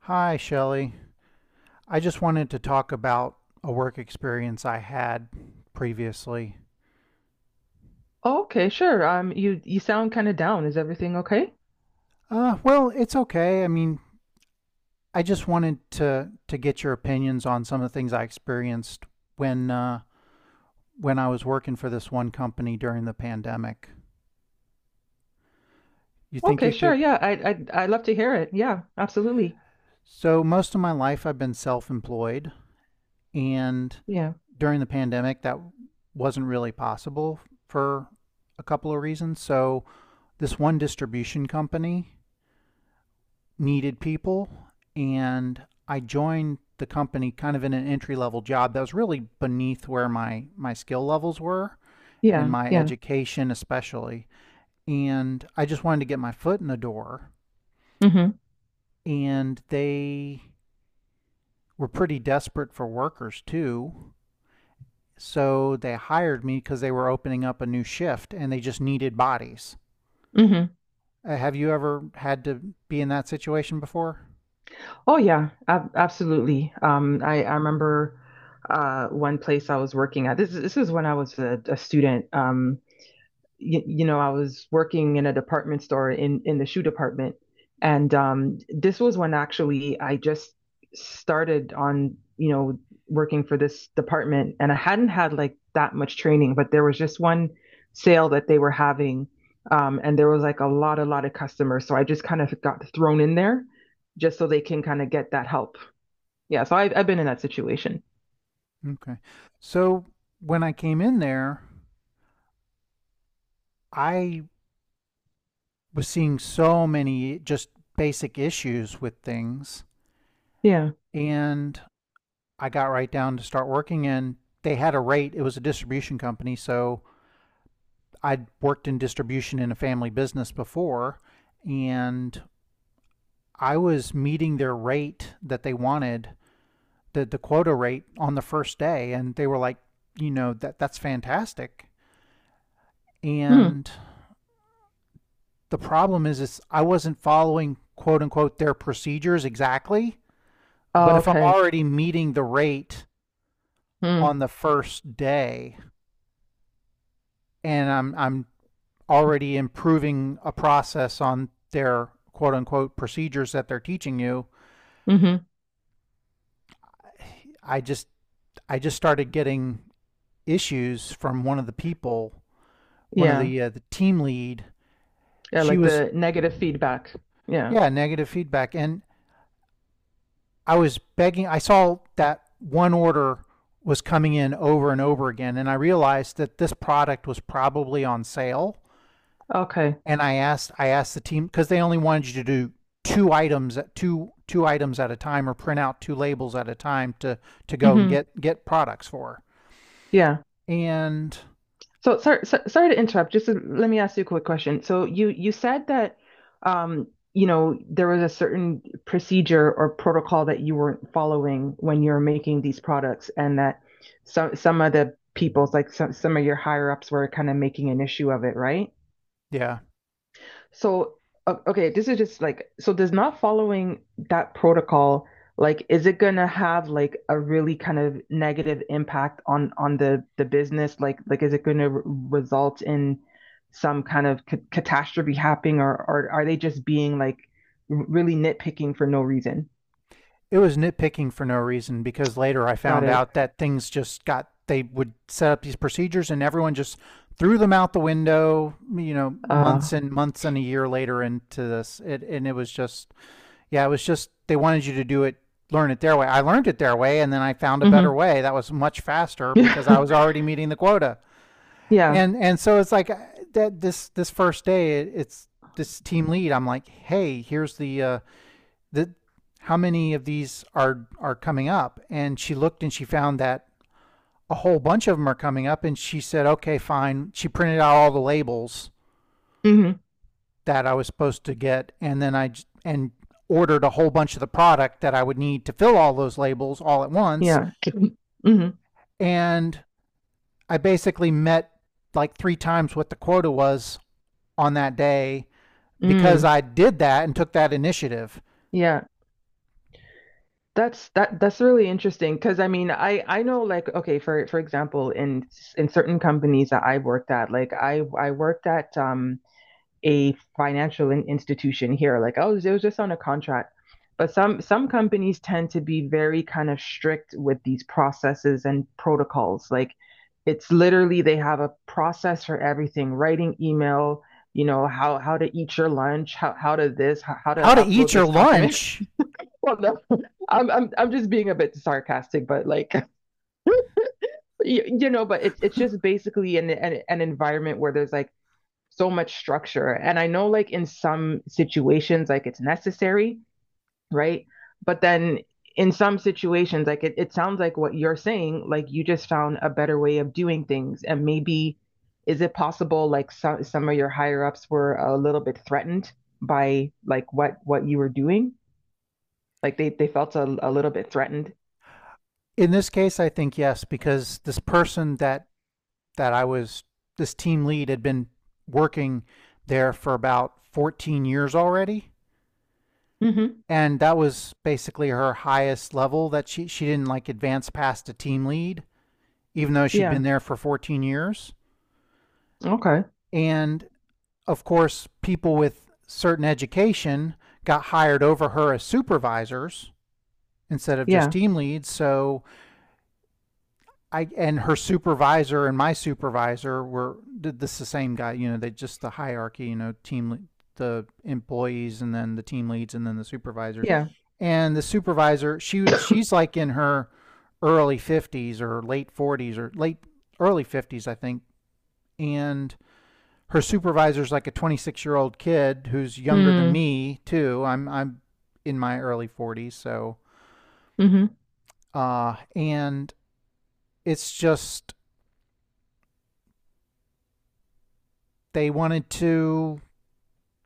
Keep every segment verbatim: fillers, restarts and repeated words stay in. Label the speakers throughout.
Speaker 1: Hi, Shelley. I just wanted to talk about a work experience I had previously.
Speaker 2: Okay, sure. Um, you you sound kind of down. Is everything okay?
Speaker 1: Uh, well, it's okay. I mean, I just wanted to to get your opinions on some of the things I experienced when uh, when I was working for this one company during the pandemic. You think
Speaker 2: Okay,
Speaker 1: you
Speaker 2: sure.
Speaker 1: could?
Speaker 2: Yeah, I I I love to hear it. Yeah, absolutely.
Speaker 1: So most of my life I've been self-employed, and
Speaker 2: Yeah,
Speaker 1: during the pandemic that wasn't really possible for a couple of reasons. So this one distribution company needed people, and I joined the company kind of in an entry level job that was really beneath where my my skill levels were, and
Speaker 2: yeah,
Speaker 1: my
Speaker 2: yeah.
Speaker 1: education especially, and I just wanted to get my foot in the door,
Speaker 2: Mm-hmm.
Speaker 1: and they were pretty desperate for workers too, so they hired me cuz they were opening up a new shift and they just needed bodies.
Speaker 2: Mm-hmm.
Speaker 1: Uh, have you ever had to be in that situation before?
Speaker 2: Oh yeah, ab absolutely. Um, I I remember, uh, one place I was working at. This is this is when I was a, a student. Um, you, you know, I was working in a department store in in the shoe department, and um, this was when actually I just started on you know working for this department, and I hadn't had like that much training, but there was just one sale that they were having, um, and there was like a lot a lot of customers, so I just kind of got thrown in there just so they can kind of get that help. Yeah, so I've I've been in that situation.
Speaker 1: Okay, so when I came in there I was seeing so many just basic issues with things.
Speaker 2: Yeah.
Speaker 1: And I got right down to start working, and they had a rate. It was a distribution company. So I'd worked in distribution in a family business before, and I was meeting their rate that they wanted, the, the quota rate on the first day. And they were like, you know, that, that's fantastic.
Speaker 2: Hmm.
Speaker 1: And the problem is, is I wasn't following quote unquote their procedures exactly. But
Speaker 2: Oh,
Speaker 1: if I'm
Speaker 2: okay.
Speaker 1: already meeting the rate
Speaker 2: Hmm.
Speaker 1: on the first day and I'm I'm already improving a process on their quote unquote procedures that they're teaching you,
Speaker 2: Mm-hmm.
Speaker 1: I just I just started getting issues from one of the people, one of
Speaker 2: Yeah.
Speaker 1: the uh, the team lead.
Speaker 2: Yeah,
Speaker 1: She
Speaker 2: like
Speaker 1: was,
Speaker 2: the negative feedback. Yeah.
Speaker 1: yeah, negative feedback, and I was begging. I saw that one order was coming in over and over again and I realized that this product was probably on sale,
Speaker 2: Okay.
Speaker 1: and I asked I asked the team because they only wanted you to do two items at two two items at a time, or print out two labels at a time to to go and
Speaker 2: Hmm.
Speaker 1: get get products for.
Speaker 2: Yeah.
Speaker 1: And
Speaker 2: So sorry, so, sorry to interrupt. Just to- let me ask you a quick question. So you you said that um, you know, there was a certain procedure or protocol that you weren't following when you're making these products, and that some some of the people's like some some of your higher ups were kind of making an issue of it, right?
Speaker 1: yeah,
Speaker 2: So, o- okay, this is just like, so does not following that protocol, like, is it gonna have like a really kind of negative impact on on the the business? Like, like is it gonna re- result in some kind of ca catastrophe happening, or or are they just being like r- really nitpicking for no reason?
Speaker 1: it was nitpicking for no reason, because later I
Speaker 2: Got
Speaker 1: found
Speaker 2: it.
Speaker 1: out that things just got, they would set up these procedures and everyone just threw them out the window, you know,
Speaker 2: Uh,
Speaker 1: months and months and a year later into this. It, and it was just, yeah, it was just, they wanted you to do it, learn it their way. I learned it their way, and then I found a
Speaker 2: hmm.
Speaker 1: better way that was much faster because I
Speaker 2: Yeah.
Speaker 1: was already meeting the quota.
Speaker 2: Yeah.
Speaker 1: And and so it's like uh, that, this this first day, it, it's this team lead. I'm like, hey, here's the uh, the, how many of these are are coming up? And she looked and she found that a whole bunch of them are coming up, and she said, okay, fine. She printed out all the labels
Speaker 2: Hmm.
Speaker 1: that I was supposed to get, and then I and ordered a whole bunch of the product that I would need to fill all those labels all at once,
Speaker 2: Yeah. Hmm.
Speaker 1: and I basically met like three times what the quota was on that day because
Speaker 2: Mm.
Speaker 1: I did that and took that initiative.
Speaker 2: Yeah. That's that that's really interesting because I mean I I know like okay for for example in in certain companies that I have worked at, like I I worked at um a financial in- institution here, like I was, it was just on a contract, but some some companies tend to be very kind of strict with these processes and protocols, like it's literally they have a process for everything, writing email, you know, how how to eat your lunch, how how to this, how, how to
Speaker 1: How to eat
Speaker 2: upload
Speaker 1: your
Speaker 2: this document.
Speaker 1: lunch?
Speaker 2: Well, no, I'm I'm I'm just being a bit sarcastic, but like you, you know, but it's it's just basically an, an an environment where there's like so much structure, and I know like in some situations like it's necessary, right? But then in some situations, like it, it sounds like what you're saying, like you just found a better way of doing things, and maybe is it possible like some some of your higher ups were a little bit threatened by like what what you were doing, like they they felt a, a little bit threatened.
Speaker 1: In this case, I think yes, because this person that that I was this team lead had been working there for about fourteen years already, and that was basically her highest level, that she she didn't like advance past a team lead even though she'd
Speaker 2: Yeah.
Speaker 1: been there for fourteen years.
Speaker 2: Okay.
Speaker 1: And of course people with certain education got hired over her as supervisors instead of just
Speaker 2: Yeah.
Speaker 1: team leads. So I, and her supervisor and my supervisor were, did, this is the same guy. You know, they just, the hierarchy. You know, team, the employees, and then the team leads, and then the supervisors.
Speaker 2: Yeah.
Speaker 1: And the supervisor, she was- she's like in her early fifties, or late forties, or late early fifties, I think. And her supervisor's like a twenty six year old kid who's younger than
Speaker 2: Hmm.
Speaker 1: me too. I'm I'm in my early forties, so
Speaker 2: Mm-hmm.
Speaker 1: uh, and it's just, they wanted to,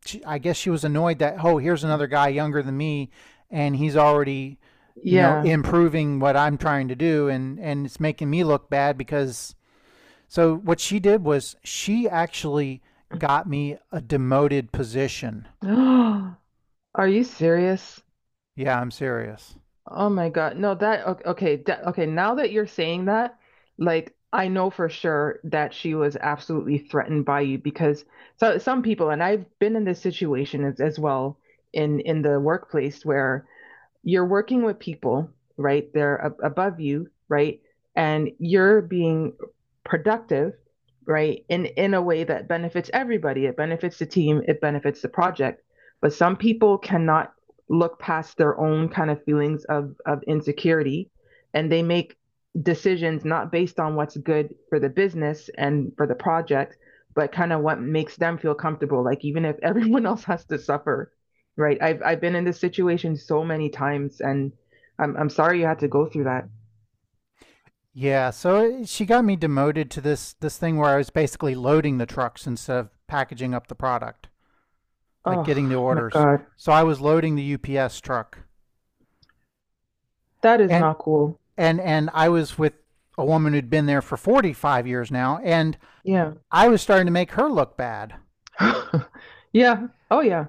Speaker 1: she, I guess she was annoyed that, oh, here's another guy younger than me, and he's already, you know,
Speaker 2: Yeah.
Speaker 1: improving what I'm trying to do, and and it's making me look bad. Because so what she did was, she actually got me a demoted position.
Speaker 2: Are you serious?
Speaker 1: Yeah, I'm serious.
Speaker 2: Oh my God. No, that, okay, okay, that, okay, now that you're saying that, like I know for sure that she was absolutely threatened by you, because so some people, and I've been in this situation as, as well, in in the workplace, where you're working with people, right? They're ab- above you, right? And you're being productive, right? In in a way that benefits everybody. It benefits the team, it benefits the project. But some people cannot look past their own kind of feelings of of insecurity, and they make decisions not based on what's good for the business and for the project, but kind of what makes them feel comfortable. Like even if everyone else has to suffer. Right. I've I've been in this situation so many times, and I'm I'm sorry you had to go through that.
Speaker 1: Yeah, so she got me demoted to this this thing where I was basically loading the trucks instead of packaging up the product, like getting the
Speaker 2: Oh my
Speaker 1: orders.
Speaker 2: God.
Speaker 1: So I was loading the U P S truck.
Speaker 2: That is
Speaker 1: And
Speaker 2: not cool.
Speaker 1: and and I was with a woman who'd been there for forty-five years now, and
Speaker 2: Yeah.
Speaker 1: I was starting to make her look bad.
Speaker 2: Yeah. Oh yeah.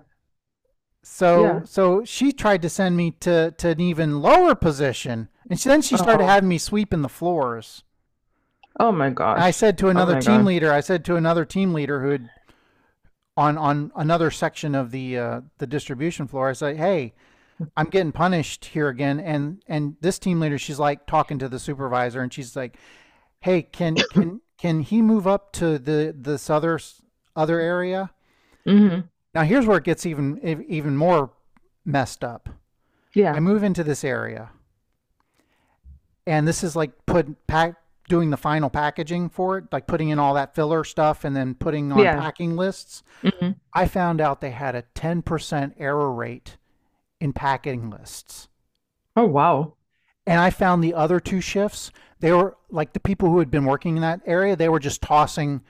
Speaker 1: So
Speaker 2: Yeah.
Speaker 1: so she tried to send me to to an even lower position, and she, then she started
Speaker 2: Oh.
Speaker 1: having me sweeping the floors.
Speaker 2: Oh my
Speaker 1: And I
Speaker 2: gosh.
Speaker 1: said to
Speaker 2: Oh
Speaker 1: another
Speaker 2: my
Speaker 1: team
Speaker 2: God.
Speaker 1: leader, I said to another team leader who had on on another section of the uh, the distribution floor, I said, "Hey, I'm getting punished here again." And and this team leader, she's like talking to the supervisor, and she's like, hey, can can can he move up to the this other other area?
Speaker 2: Hmm.
Speaker 1: Now here's where it gets even even more messed up. I
Speaker 2: Yeah.
Speaker 1: move into this area, and this is like put pack, doing the final packaging for it, like putting in all that filler stuff and then putting on
Speaker 2: Yeah.
Speaker 1: packing lists.
Speaker 2: Hmm.
Speaker 1: I found out they had a ten percent error rate in packing lists.
Speaker 2: Oh wow.
Speaker 1: And I found the other two shifts, they were like the people who had been working in that area, they were just tossing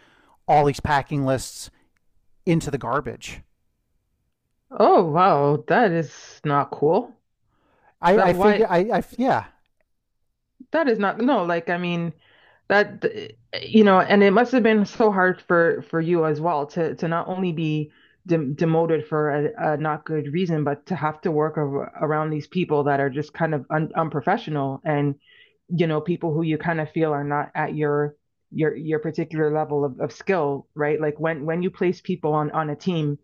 Speaker 1: all these packing lists into the garbage.
Speaker 2: Oh wow. That is not cool.
Speaker 1: I,
Speaker 2: That
Speaker 1: I figure
Speaker 2: why.
Speaker 1: I, I yeah
Speaker 2: That is not, no, like I mean that, you know, and it must have been so hard for for you as well, to to not only be de demoted for a, a not good reason, but to have to work ar around these people that are just kind of un unprofessional, and you know, people who you kind of feel are not at your your your particular level of, of skill, right? Like when when you place people on on a team,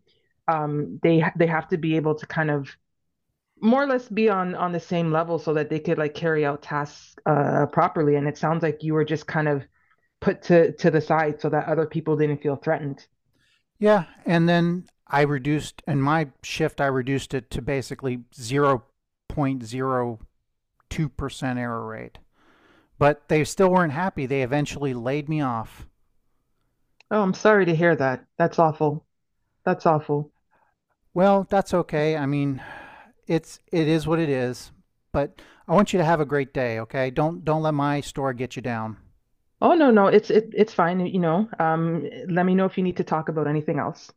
Speaker 2: um, they ha- they have to be able to kind of more or less be on on the same level so that they could like carry out tasks uh properly, and it sounds like you were just kind of put to to the side so that other people didn't feel threatened.
Speaker 1: yeah, and then I reduced, and my shift I reduced it to basically zero point zero two percent error rate. But they still weren't happy. They eventually laid me off.
Speaker 2: Oh, I'm sorry to hear that. That's awful. That's awful.
Speaker 1: Well, that's okay. I mean, it's it is what it is. But I want you to have a great day, okay? Don't don't let my store get you down.
Speaker 2: Oh no, no, it's it, it's fine, you know. Um let me know if you need to talk about anything else.